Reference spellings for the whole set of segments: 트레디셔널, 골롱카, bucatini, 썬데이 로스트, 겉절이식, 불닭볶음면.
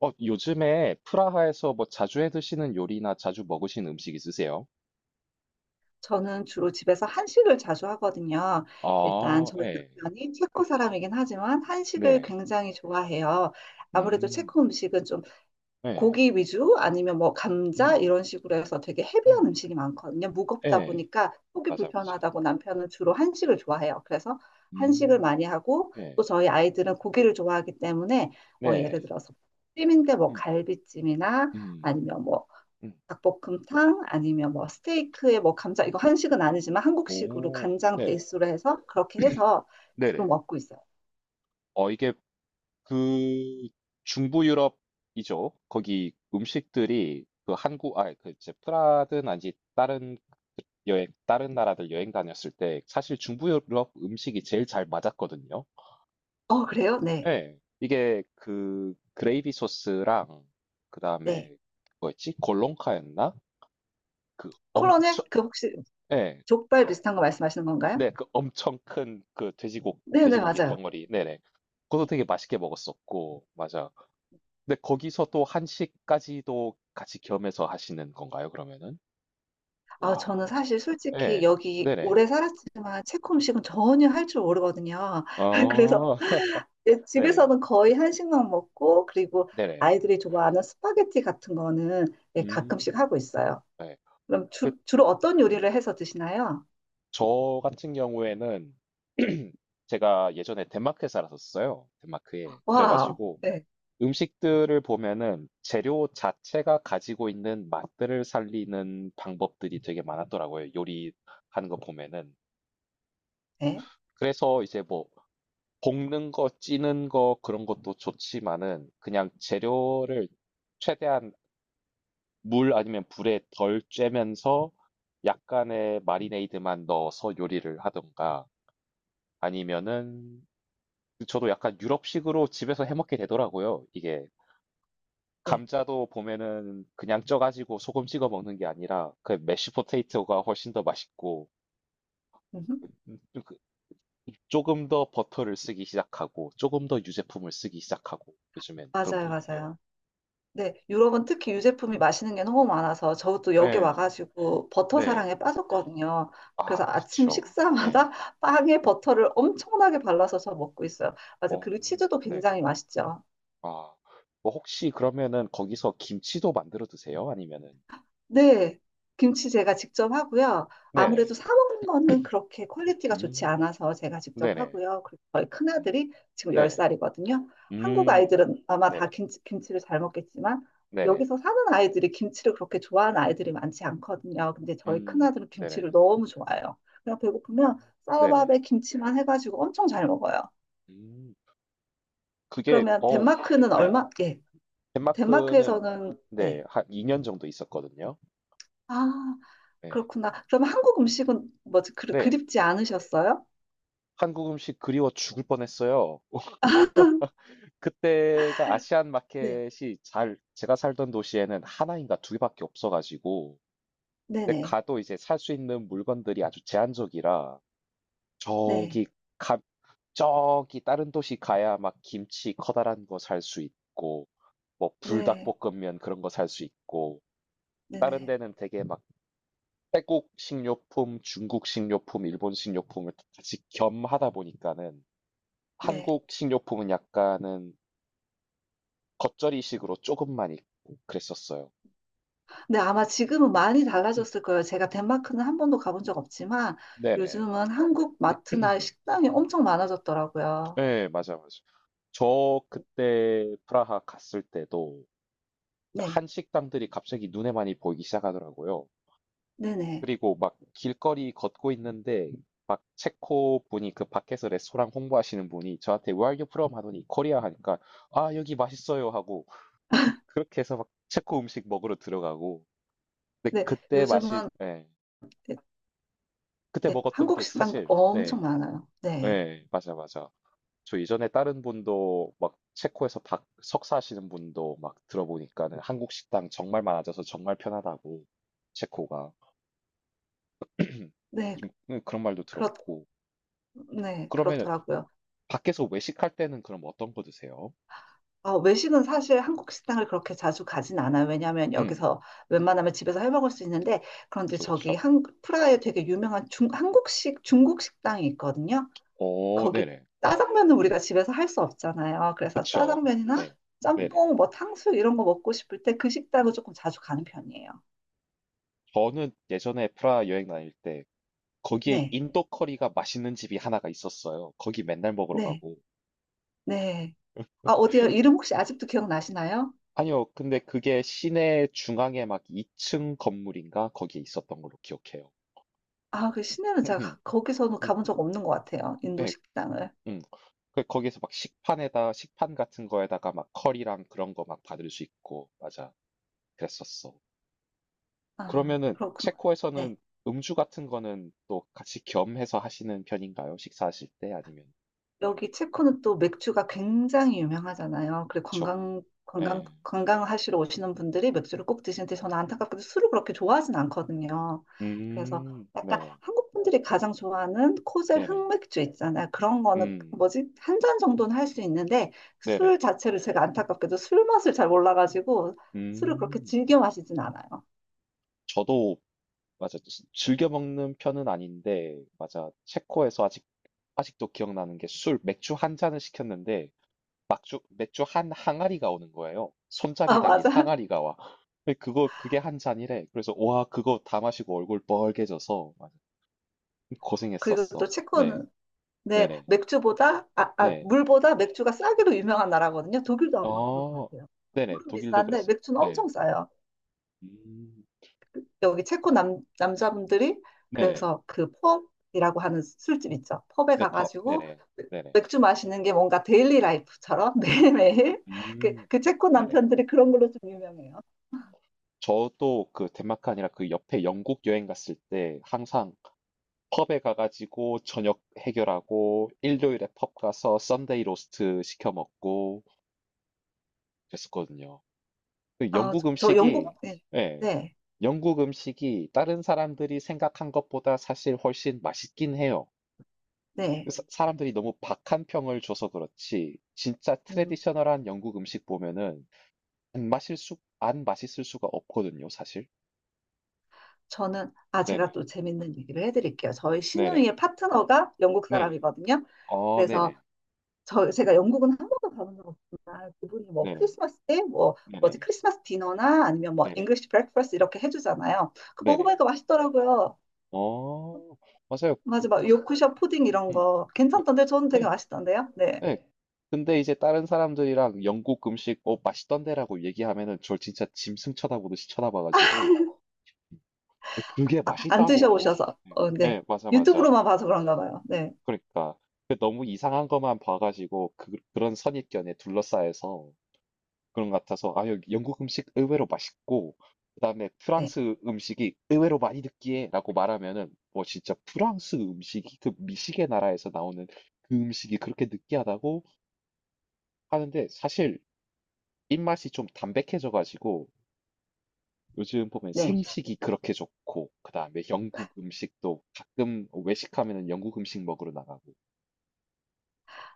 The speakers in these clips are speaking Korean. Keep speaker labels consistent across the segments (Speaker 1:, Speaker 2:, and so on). Speaker 1: 어, 요즘에 프라하에서 뭐 자주 해 드시는 요리나 자주 먹으시는 음식 있으세요?
Speaker 2: 저는 주로 집에서 한식을 자주 하거든요. 일단
Speaker 1: 아,
Speaker 2: 저희
Speaker 1: 예.
Speaker 2: 남편이 체코 사람이긴 하지만 한식을
Speaker 1: 네네.
Speaker 2: 굉장히 좋아해요. 아무래도
Speaker 1: 음.
Speaker 2: 체코 음식은 좀
Speaker 1: 예.
Speaker 2: 고기 위주 아니면 뭐 감자
Speaker 1: 음.
Speaker 2: 이런 식으로 해서 되게 헤비한
Speaker 1: 음.
Speaker 2: 음식이 많거든요. 무겁다
Speaker 1: 예.
Speaker 2: 보니까 속이
Speaker 1: 맞아, 맞아.
Speaker 2: 불편하다고 남편은 주로
Speaker 1: 예.
Speaker 2: 한식을 좋아해요. 그래서 한식을
Speaker 1: 음.
Speaker 2: 많이 하고
Speaker 1: 예.
Speaker 2: 또 저희 아이들은 고기를 좋아하기 때문에 뭐 예를
Speaker 1: 네.
Speaker 2: 들어서 찜인데 뭐
Speaker 1: 음.
Speaker 2: 갈비찜이나
Speaker 1: 음.
Speaker 2: 아니면 뭐
Speaker 1: 음.
Speaker 2: 닭볶음탕 아니면 뭐 스테이크에 뭐 감자 이거 한식은 아니지만 한국식으로
Speaker 1: 오.
Speaker 2: 간장
Speaker 1: 네네.
Speaker 2: 베이스로 해서 그렇게 해서 주로
Speaker 1: 네네.
Speaker 2: 먹고 있어요.
Speaker 1: 어, 이게 그 중부 유럽이죠. 거기 음식들이 그 한국, 아, 그 이제 프라하든 아니 다른 여행 다른 나라들 여행 다녔을 때 사실 중부 유럽 음식이 제일 잘 맞았거든요.
Speaker 2: 어, 그래요? 네.
Speaker 1: 예. 이게 그 그레이비 소스랑
Speaker 2: 네.
Speaker 1: 그다음에 뭐였지? 골롱카였나? 그
Speaker 2: 코로네?
Speaker 1: 엄청
Speaker 2: 그 혹시
Speaker 1: 예.
Speaker 2: 족발 비슷한 거 말씀하시는 건가요?
Speaker 1: 네, 그 엄청 큰 그 돼지고
Speaker 2: 네, 네,
Speaker 1: 돼지고기
Speaker 2: 맞아요.
Speaker 1: 덩어리. 네네. 그것도
Speaker 2: 네.
Speaker 1: 되게 맛있게 먹었었고. 맞아. 근데 거기서 또 한식까지도 같이 겸해서 하시는 건가요, 그러면은?
Speaker 2: 아,
Speaker 1: 와.
Speaker 2: 저는 사실 솔직히
Speaker 1: 예.
Speaker 2: 여기
Speaker 1: 네네.
Speaker 2: 오래 살았지만 체코 음식은 전혀 할 줄 모르거든요. 그래서
Speaker 1: 아.
Speaker 2: 예,
Speaker 1: 네.
Speaker 2: 집에서는 거의 한식만 먹고 그리고
Speaker 1: 네네.
Speaker 2: 아이들이 좋아하는 스파게티 같은 거는 예,
Speaker 1: 음.
Speaker 2: 가끔씩 하고 있어요.
Speaker 1: 네.
Speaker 2: 그럼
Speaker 1: 그
Speaker 2: 주로 어떤 요리를 해서 드시나요?
Speaker 1: 저 같은 경우에는 제가 예전에 덴마크에 살았었어요. 덴마크에.
Speaker 2: 와우.
Speaker 1: 그래가지고
Speaker 2: 네,
Speaker 1: 음식들을 보면은 재료 자체가 가지고 있는 맛들을 살리는 방법들이 되게 많았더라고요. 요리하는 거 보면은.
Speaker 2: 네,
Speaker 1: 그래서 이제 뭐 볶는 거, 찌는 거 그런 것도 좋지만은 그냥 재료를 최대한 물 아니면 불에 덜 쬐면서 약간의 마리네이드만 넣어서 요리를 하던가 아니면은 저도 약간 유럽식으로 집에서 해 먹게 되더라고요. 이게
Speaker 2: 네.
Speaker 1: 감자도 보면은 그냥 쪄가지고 소금 찍어 먹는 게 아니라 그 메쉬 포테이토가 훨씬 더 맛있고,
Speaker 2: 음,
Speaker 1: 음, 그 조금 더 버터를 쓰기 시작하고 조금 더 유제품을 쓰기 시작하고 요즘엔 그런 것
Speaker 2: 맞아요,
Speaker 1: 같아요.
Speaker 2: 맞아요. 네, 유럽은 특히 유제품이 맛있는 게 너무 많아서 저도 여기
Speaker 1: 네,
Speaker 2: 와가지고 버터
Speaker 1: 네.
Speaker 2: 사랑에 빠졌거든요. 그래서
Speaker 1: 아,
Speaker 2: 아침
Speaker 1: 그쵸. 네.
Speaker 2: 식사마다 빵에
Speaker 1: 음,
Speaker 2: 버터를 엄청나게 발라서 저 먹고 있어요. 맞아요.
Speaker 1: 어,
Speaker 2: 그리고 치즈도
Speaker 1: 네.
Speaker 2: 굉장히 맛있죠.
Speaker 1: 아, 뭐 혹시 그러면은 거기서 김치도 만들어 드세요? 아니면은?
Speaker 2: 네, 김치 제가 직접 하고요. 아무래도
Speaker 1: 네네.
Speaker 2: 사 먹는 거는 그렇게 퀄리티가 좋지
Speaker 1: 음,
Speaker 2: 않아서 제가 직접
Speaker 1: 네네.
Speaker 2: 하고요. 그리고 저희
Speaker 1: 어,
Speaker 2: 큰아들이 지금
Speaker 1: 네네.
Speaker 2: 10살이거든요. 한국
Speaker 1: 음.
Speaker 2: 아이들은 아마 다
Speaker 1: 네네.
Speaker 2: 김치를 잘 먹겠지만
Speaker 1: 네네.
Speaker 2: 여기서 사는 아이들이 김치를 그렇게 좋아하는 아이들이 많지 않거든요. 근데 저희
Speaker 1: 음.
Speaker 2: 큰아들은
Speaker 1: 네네.
Speaker 2: 김치를 너무 좋아해요. 그냥 배고프면
Speaker 1: 음. 네네.
Speaker 2: 쌀밥에 김치만 해가지고 엄청 잘 먹어요.
Speaker 1: 음. 그게
Speaker 2: 그러면
Speaker 1: 어우
Speaker 2: 덴마크는
Speaker 1: 예.
Speaker 2: 얼마? 예,
Speaker 1: 덴마크는
Speaker 2: 덴마크에서는
Speaker 1: 네.
Speaker 2: 네.
Speaker 1: 한 2년 정도 있었거든요.
Speaker 2: 아,
Speaker 1: 네.
Speaker 2: 그렇구나. 그럼 한국 음식은 뭐지? 그,
Speaker 1: 네.
Speaker 2: 그립지 않으셨어요?
Speaker 1: 한국 음식 그리워 죽을 뻔했어요. 그때가 아시안
Speaker 2: 네.
Speaker 1: 마켓이 잘 제가 살던 도시에는 하나 인가 두 개 밖에 없어 가지고 근데
Speaker 2: 네네.
Speaker 1: 가도 이제 살 수 있는 물건들이 아주 제한적이라
Speaker 2: 네.
Speaker 1: 저기 가 저기 다른 도시 가야 막 김치 커다란 거 살 수 있고 뭐
Speaker 2: 네.
Speaker 1: 불닭볶음면 그런 거 살 수 있고 다른
Speaker 2: 네네.
Speaker 1: 데는 되게 막 태국 식료품, 중국 식료품, 일본 식료품을 같이 겸하다 보니까는
Speaker 2: 네.
Speaker 1: 한국 식료품은 약간은 겉절이식으로 조금만 있고 그랬었어요.
Speaker 2: 네, 아마 지금은 많이
Speaker 1: 음,
Speaker 2: 달라졌을 거예요. 제가 덴마크는 한 번도 가본 적 없지만
Speaker 1: 네네.
Speaker 2: 요즘은 한국 마트나 식당이 엄청 많아졌더라고요.
Speaker 1: 네, 맞아, 맞아. 저 그때 프라하 갔을 때도
Speaker 2: 네.
Speaker 1: 한식당들이 갑자기 눈에 많이 보이기 시작하더라고요.
Speaker 2: 네네.
Speaker 1: 그리고 막 길거리 걷고 있는데 막 체코 분이 그 밖에서 레스토랑 홍보하시는 분이 저한테 Where are you from? 하더니 코리아 하니까 아 여기 맛있어요 하고 그렇게 해서 막 체코 음식 먹으러 들어가고 근데
Speaker 2: 네.
Speaker 1: 그때
Speaker 2: 요즘은
Speaker 1: 맛이 예
Speaker 2: 네,
Speaker 1: 그때
Speaker 2: 네.
Speaker 1: 먹었던
Speaker 2: 한국
Speaker 1: 게
Speaker 2: 식당
Speaker 1: 사실
Speaker 2: 엄청
Speaker 1: 네
Speaker 2: 많아요. 네.
Speaker 1: 예 맞아 맞아 저 이전에 다른 분도 막 체코에서 박 석사하시는 분도 막 들어보니까는 한국 식당 정말 많아져서 정말 편하다고 체코가
Speaker 2: 네.
Speaker 1: 좀 그런 말도
Speaker 2: 그렇,
Speaker 1: 들었고
Speaker 2: 네.
Speaker 1: 그러면
Speaker 2: 그렇더라고요.
Speaker 1: 밖에서 외식할 때는 그럼 어떤 거 드세요?
Speaker 2: 어, 외식은 사실 한국 식당을 그렇게 자주 가진 않아요. 왜냐하면
Speaker 1: 음.
Speaker 2: 여기서 웬만하면 집에서 해 먹을 수 있는데 그런데
Speaker 1: 그쵸,
Speaker 2: 저기
Speaker 1: 그쵸.
Speaker 2: 한 프라하에 되게 유명한 한국식 중국 식당이 있거든요.
Speaker 1: 어
Speaker 2: 거기
Speaker 1: 네네.
Speaker 2: 짜장면은 우리가 집에서 할 수 없잖아요. 그래서
Speaker 1: 그쵸.
Speaker 2: 짜장면이나
Speaker 1: 네. 네네.
Speaker 2: 짬뽕, 뭐 탕수 이런 거 먹고 싶을 때 그 식당을
Speaker 1: 음.
Speaker 2: 조금 자주 가는 편이에요.
Speaker 1: 저는 예전에 프라하 여행 다닐 때 거기에
Speaker 2: 네,
Speaker 1: 인도 커리가 맛있는 집이 하나가 있었어요. 거기 맨날 먹으러
Speaker 2: 네,
Speaker 1: 가고.
Speaker 2: 네. 아, 어디요? 이름 혹시 아직도 기억나시나요?
Speaker 1: 아니요. 근데 그게 시내 중앙에 막 2층 건물인가 거기에 있었던 걸로 기억해요.
Speaker 2: 아, 그 시내는 제가
Speaker 1: 음음.
Speaker 2: 거기서는
Speaker 1: 음.
Speaker 2: 가본 적 없는 것 같아요. 인도
Speaker 1: 네.
Speaker 2: 식당을.
Speaker 1: 음. 그 거기서 막 식판에다 식판 같은 거에다가 막 커리랑 그런 거 막 받을 수 있고. 맞아. 그랬었어.
Speaker 2: 아,
Speaker 1: 그러면은
Speaker 2: 그렇구나.
Speaker 1: 체코에서는
Speaker 2: 네.
Speaker 1: 음주 같은 거는 또 같이 겸해서 하시는 편인가요? 식사하실 때 아니면
Speaker 2: 여기 체코는 또 맥주가 굉장히 유명하잖아요. 그래
Speaker 1: 취업?
Speaker 2: 관광 관광
Speaker 1: 네.
Speaker 2: 관광하시러 오시는 분들이 맥주를 꼭 드시는데 저는 안타깝게도 술을 그렇게 좋아하진 않거든요. 그래서 약간
Speaker 1: 네네,
Speaker 2: 한국 분들이 가장 좋아하는 코젤
Speaker 1: 네네,
Speaker 2: 흑맥주 있잖아요. 그런 거는
Speaker 1: 음,
Speaker 2: 뭐지? 한 잔 정도는 할 수 있는데
Speaker 1: 네네,
Speaker 2: 술 자체를 제가 안타깝게도 술 맛을 잘 몰라가지고 술을 그렇게
Speaker 1: 음.
Speaker 2: 즐겨 마시진 않아요.
Speaker 1: 저도 맞아 즐겨 먹는 편은 아닌데 맞아 체코에서 아직 아직도 기억나는 게 술, 맥주 한 잔을 시켰는데 맥주 한 항아리가 오는 거예요. 손잡이
Speaker 2: 아,
Speaker 1: 달린
Speaker 2: 맞아.
Speaker 1: 항아리가 와. 근데 그거 그게 한 잔이래. 그래서 와 그거 다 마시고 얼굴 뻘개져서
Speaker 2: 그리고 또
Speaker 1: 고생했었어. 네.
Speaker 2: 체코는 네,
Speaker 1: 네네. 네.
Speaker 2: 물보다 맥주가 싸기로 유명한 나라거든요. 독일도 아마 그럴 것
Speaker 1: 어.
Speaker 2: 같아요.
Speaker 1: 네네.
Speaker 2: 물은
Speaker 1: 독일도
Speaker 2: 비싼데
Speaker 1: 그랬어요.
Speaker 2: 맥주는
Speaker 1: 네.
Speaker 2: 엄청 싸요.
Speaker 1: 음.
Speaker 2: 여기 체코 남자분들이
Speaker 1: 네네.
Speaker 2: 그래서 그 펍이라고 하는 술집 있죠. 펍에
Speaker 1: 네. 펍.
Speaker 2: 가가지고
Speaker 1: 네네. 네네.
Speaker 2: 맥주 마시는 게 뭔가 데일리 라이프처럼 매일매일 그,
Speaker 1: 음.
Speaker 2: 그 체코
Speaker 1: 네네.
Speaker 2: 남편들이 그런 걸로 좀 유명해요.
Speaker 1: 저도 그 덴마크 아니라 그 옆에 영국 여행 갔을 때 항상 펍에 가가지고 저녁 해결하고 일요일에 펍 가서 썬데이 로스트 시켜 먹고 그랬었거든요. 그
Speaker 2: 아,
Speaker 1: 영국
Speaker 2: 저
Speaker 1: 음식이
Speaker 2: 영국, 네,
Speaker 1: 예.
Speaker 2: 네,
Speaker 1: 영국 음식이 다른 사람들이 생각한 것보다 사실 훨씬 맛있긴 해요.
Speaker 2: 네.
Speaker 1: 사람들이 너무 박한 평을 줘서 그렇지, 진짜
Speaker 2: 음,
Speaker 1: 트레디셔널한 영국 음식 보면은 안 마실 수, 안 맛있을 수가 없거든요, 사실.
Speaker 2: 저는, 아, 제가
Speaker 1: 네네,
Speaker 2: 또 재밌는 얘기를 해드릴게요. 저희
Speaker 1: 네네,
Speaker 2: 시누이의 파트너가 영국
Speaker 1: 네네,
Speaker 2: 사람이거든요.
Speaker 1: 어,
Speaker 2: 그래서
Speaker 1: 네네,
Speaker 2: 저 제가 영국은 한 번도 가본 적 없지만 그분이 뭐
Speaker 1: 네네,
Speaker 2: 크리스마스 때 뭐 뭐지
Speaker 1: 네네,
Speaker 2: 크리스마스 디너나 아니면 뭐
Speaker 1: 네네,
Speaker 2: 잉글리시 브렉퍼스트 이렇게 해주잖아요. 그
Speaker 1: 네네,
Speaker 2: 먹어보니까 맛있더라고요.
Speaker 1: 어, 맞아요.
Speaker 2: 맞아, 막 요크셔 푸딩 이런
Speaker 1: 음.
Speaker 2: 거
Speaker 1: 네,
Speaker 2: 괜찮던데 저는 되게
Speaker 1: 네.
Speaker 2: 맛있던데요. 네,
Speaker 1: 네. 근데 이제 다른 사람들이랑 영국 음식, 어, 맛있던데라고 얘기하면은 저 진짜 짐승 쳐다보듯이 쳐다봐가지고, 음, 그게
Speaker 2: 아, 안
Speaker 1: 맛있다고?
Speaker 2: 드셔보셔서
Speaker 1: 음.
Speaker 2: 어, 네
Speaker 1: 네, 맞아, 맞아.
Speaker 2: 유튜브로만 봐서 그런가 봐요. 네,
Speaker 1: 그러니까 그 너무 이상한 것만 봐가지고 그런 선입견에 둘러싸여서 그런 것 같아서 아 여기 영국 음식 의외로 맛있고 그다음에
Speaker 2: 네,
Speaker 1: 프랑스 음식이 의외로 많이 느끼해라고 말하면은 뭐 진짜 프랑스 음식이 그 미식의 나라에서 나오는 그 음식이 그렇게 느끼하다고 하는데 사실 입맛이 좀 담백해져가지고 요즘 보면
Speaker 2: 네.
Speaker 1: 생식이 그렇게 좋고 그다음에 영국 음식도 가끔 외식하면은 영국 음식 먹으러 나가고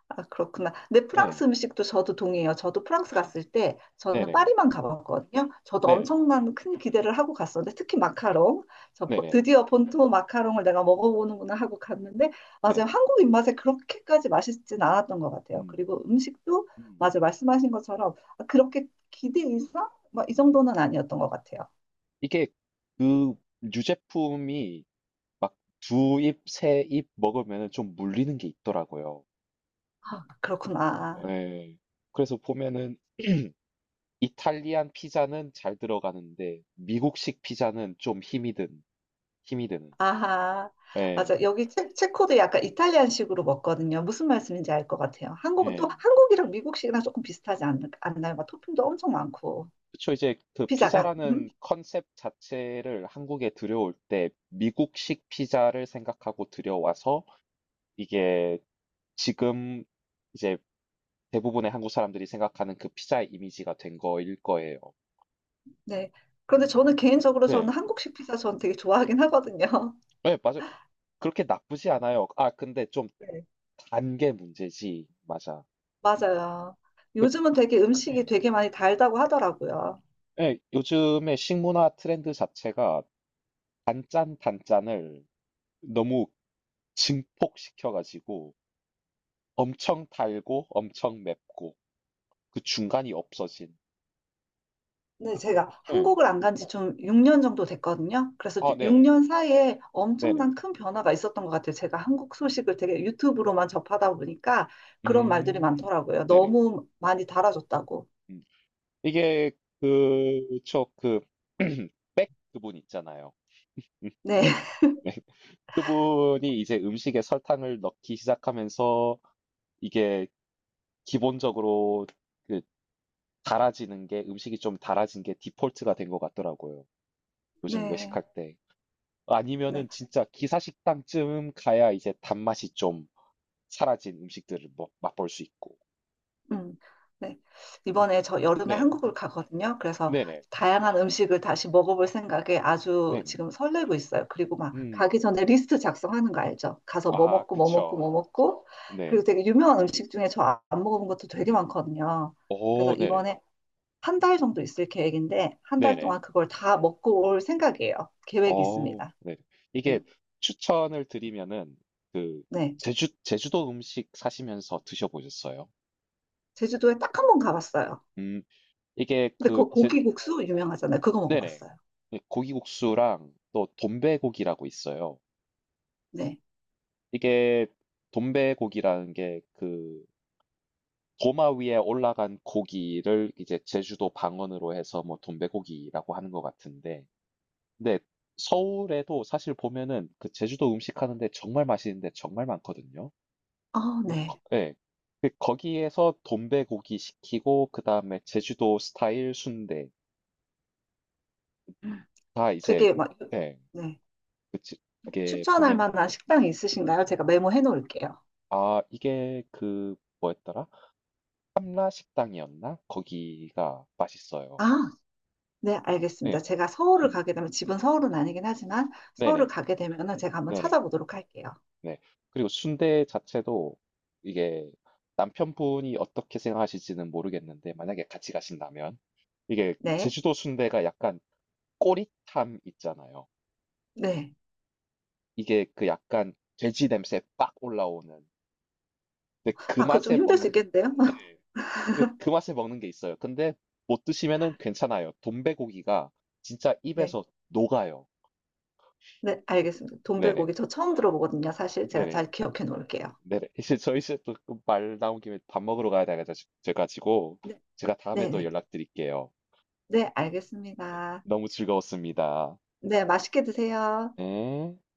Speaker 2: 아, 그렇구나. 근데
Speaker 1: 네,
Speaker 2: 프랑스 음식도 저도 동의해요. 저도 프랑스
Speaker 1: 네,
Speaker 2: 갔을 때 저는
Speaker 1: 네네
Speaker 2: 파리만 가봤거든요. 저도
Speaker 1: 네네
Speaker 2: 엄청난 큰 기대를 하고 갔었는데 특히 마카롱. 저
Speaker 1: 네네.
Speaker 2: 드디어 본토 마카롱을 내가 먹어보는구나 하고 갔는데 맞아요.
Speaker 1: 네네.
Speaker 2: 한국 입맛에 그렇게까지 맛있진 않았던 것 같아요.
Speaker 1: 음.
Speaker 2: 그리고 음식도
Speaker 1: 음.
Speaker 2: 맞아요. 말씀하신 것처럼 아, 그렇게 기대 이상? 막 이 정도는 아니었던 것 같아요.
Speaker 1: 이게 그 유제품이 막 두 입, 세 입 먹으면 좀 물리는 게 있더라고요.
Speaker 2: 아, 그렇구나.
Speaker 1: 네. 그래서 보면은 이탈리안 피자는 잘 들어가는데 미국식 피자는 좀 힘이 든 힘이 드는.
Speaker 2: 아하.
Speaker 1: 예.
Speaker 2: 맞아. 여기 체코도 약간 이탈리안식으로 먹거든요. 무슨 말씀인지 알 것 같아요. 한국은 또
Speaker 1: 예.
Speaker 2: 한국이랑 미국식이랑 조금 비슷하지 않나요? 막 토핑도 엄청 많고.
Speaker 1: 그쵸. 이제 그
Speaker 2: 피자가. 음?
Speaker 1: 피자라는 컨셉 자체를 한국에 들여올 때 미국식 피자를 생각하고 들여와서 이게 지금 이제 대부분의 한국 사람들이 생각하는 그 피자의 이미지가 된 거일 거예요.
Speaker 2: 네. 그런데 저는 개인적으로 저는
Speaker 1: 네.
Speaker 2: 한국식 피자 저는 되게 좋아하긴 하거든요.
Speaker 1: 네, 맞아요. 그렇게 나쁘지 않아요. 아, 근데 좀
Speaker 2: 네.
Speaker 1: 단게 문제지. 맞아.
Speaker 2: 맞아요.
Speaker 1: 그,
Speaker 2: 요즘은 되게 음식이
Speaker 1: 네.
Speaker 2: 되게 많이 달다고 하더라고요.
Speaker 1: 네, 요즘에 식문화 트렌드 자체가 단짠 단짠을 너무 증폭시켜가지고 엄청 달고 엄청 맵고 그 중간이 없어진.
Speaker 2: 네, 제가
Speaker 1: 네.
Speaker 2: 한국을 안 간지 좀 6년 정도 됐거든요. 그래서
Speaker 1: 아, 네네.
Speaker 2: 6년 사이에
Speaker 1: 네네.
Speaker 2: 엄청난 큰 변화가 있었던 것 같아요. 제가 한국 소식을 되게 유튜브로만 접하다 보니까 그런 말들이
Speaker 1: 음,
Speaker 2: 많더라고요.
Speaker 1: 네네.
Speaker 2: 너무 많이 달아졌다고.
Speaker 1: 음. 이게 그, 저, 그, 그분 있잖아요.
Speaker 2: 네,
Speaker 1: 네. 그분이 이제 음식에 설탕을 넣기 시작하면서 이게 기본적으로 그 달아지는 게 음식이 좀 달아진 게 디폴트가 된 것 같더라고요. 요즘
Speaker 2: 네,
Speaker 1: 외식할 때.
Speaker 2: 네.
Speaker 1: 아니면은 진짜 기사식당쯤 가야 이제 단맛이 좀 사라진 음식들을 뭐 맛볼 수 있고.
Speaker 2: 음, 네.
Speaker 1: 음,
Speaker 2: 이번에 저 여름에
Speaker 1: 네.
Speaker 2: 한국을 가거든요. 그래서
Speaker 1: 네네.
Speaker 2: 다양한 음식을 다시 먹어볼 생각에 아주
Speaker 1: 네네.
Speaker 2: 지금 설레고 있어요. 그리고 막
Speaker 1: 음.
Speaker 2: 가기 전에 리스트 작성하는 거 알죠? 가서 뭐
Speaker 1: 아,
Speaker 2: 먹고 뭐 먹고
Speaker 1: 그쵸.
Speaker 2: 뭐 먹고
Speaker 1: 네.
Speaker 2: 그리고 되게 유명한 음식 중에 저 안 먹어본 것도 되게
Speaker 1: 음.
Speaker 2: 많거든요. 그래서
Speaker 1: 오, 네네.
Speaker 2: 이번에 한 달 정도 있을 계획인데 한 달
Speaker 1: 네네.
Speaker 2: 동안 그걸 다 먹고 올 생각이에요. 계획이
Speaker 1: 어
Speaker 2: 있습니다.
Speaker 1: 네.
Speaker 2: 네.
Speaker 1: 이게 추천을 드리면은 그
Speaker 2: 네.
Speaker 1: 제주도 음식 사시면서 드셔 보셨어요?
Speaker 2: 제주도에 딱 한 번 가봤어요.
Speaker 1: 음 이게
Speaker 2: 근데
Speaker 1: 그
Speaker 2: 그
Speaker 1: 제
Speaker 2: 고기국수 유명하잖아요. 그거
Speaker 1: 네네.
Speaker 2: 먹어봤어요.
Speaker 1: 예 고기국수랑 또 돈베고기라고 있어요.
Speaker 2: 네.
Speaker 1: 이게 돈베고기라는 게 그 도마 위에 올라간 고기를 이제 제주도 방언으로 해서 뭐 돈베고기라고 하는 것 같은데 근데 서울에도 사실 보면은 그 제주도 음식 하는데 정말 맛있는 데 정말 많거든요.
Speaker 2: 아,
Speaker 1: 그 거
Speaker 2: 네.
Speaker 1: 예. 그 거기에서 돈베고기 시키고 그다음에 제주도 스타일 순대 다 이제
Speaker 2: 되게 막,
Speaker 1: 예.
Speaker 2: 네.
Speaker 1: 그 지-
Speaker 2: 뭐
Speaker 1: 그게
Speaker 2: 추천할
Speaker 1: 보면은
Speaker 2: 만한 식당이 있으신가요? 제가 메모해 놓을게요.
Speaker 1: 아 이게 그 뭐였더라? 삼라 식당이었나? 거기가 맛있어요.
Speaker 2: 아, 네, 알겠습니다.
Speaker 1: 네.
Speaker 2: 제가 서울을
Speaker 1: 음.
Speaker 2: 가게 되면, 집은 서울은 아니긴 하지만, 서울을
Speaker 1: 네네.
Speaker 2: 가게 되면은 제가 한번
Speaker 1: 네네.
Speaker 2: 찾아보도록 할게요.
Speaker 1: 네. 그리고 순대 자체도 이게 남편분이 어떻게 생각하실지는 모르겠는데 만약에 같이 가신다면 이게
Speaker 2: 네,
Speaker 1: 제주도 순대가 약간 꼬릿함 있잖아요.
Speaker 2: 네.
Speaker 1: 이게 그 약간 돼지 냄새 빡 올라오는 근데 그
Speaker 2: 아, 그거 좀
Speaker 1: 맛에
Speaker 2: 힘들 수
Speaker 1: 먹는 게
Speaker 2: 있겠는데요?
Speaker 1: 네. 그 맛에 먹는 게 있어요. 근데 못 드시면은 괜찮아요. 돈베고기가 진짜
Speaker 2: 네,
Speaker 1: 입에서 녹아요.
Speaker 2: 네, 알겠습니다.
Speaker 1: 네네.
Speaker 2: 돈베고기 저 처음 들어보거든요. 사실 제가
Speaker 1: 네네.
Speaker 2: 잘 기억해 놓을게요.
Speaker 1: 네네. 이제 저희 이제 또말 나온 김에 밥 먹으러 가야 돼가지고
Speaker 2: 네,
Speaker 1: 제가 다음에
Speaker 2: 네,
Speaker 1: 또
Speaker 2: 네.
Speaker 1: 연락드릴게요.
Speaker 2: 네, 알겠습니다.
Speaker 1: 너무 즐거웠습니다.
Speaker 2: 네, 맛있게 드세요.
Speaker 1: 네.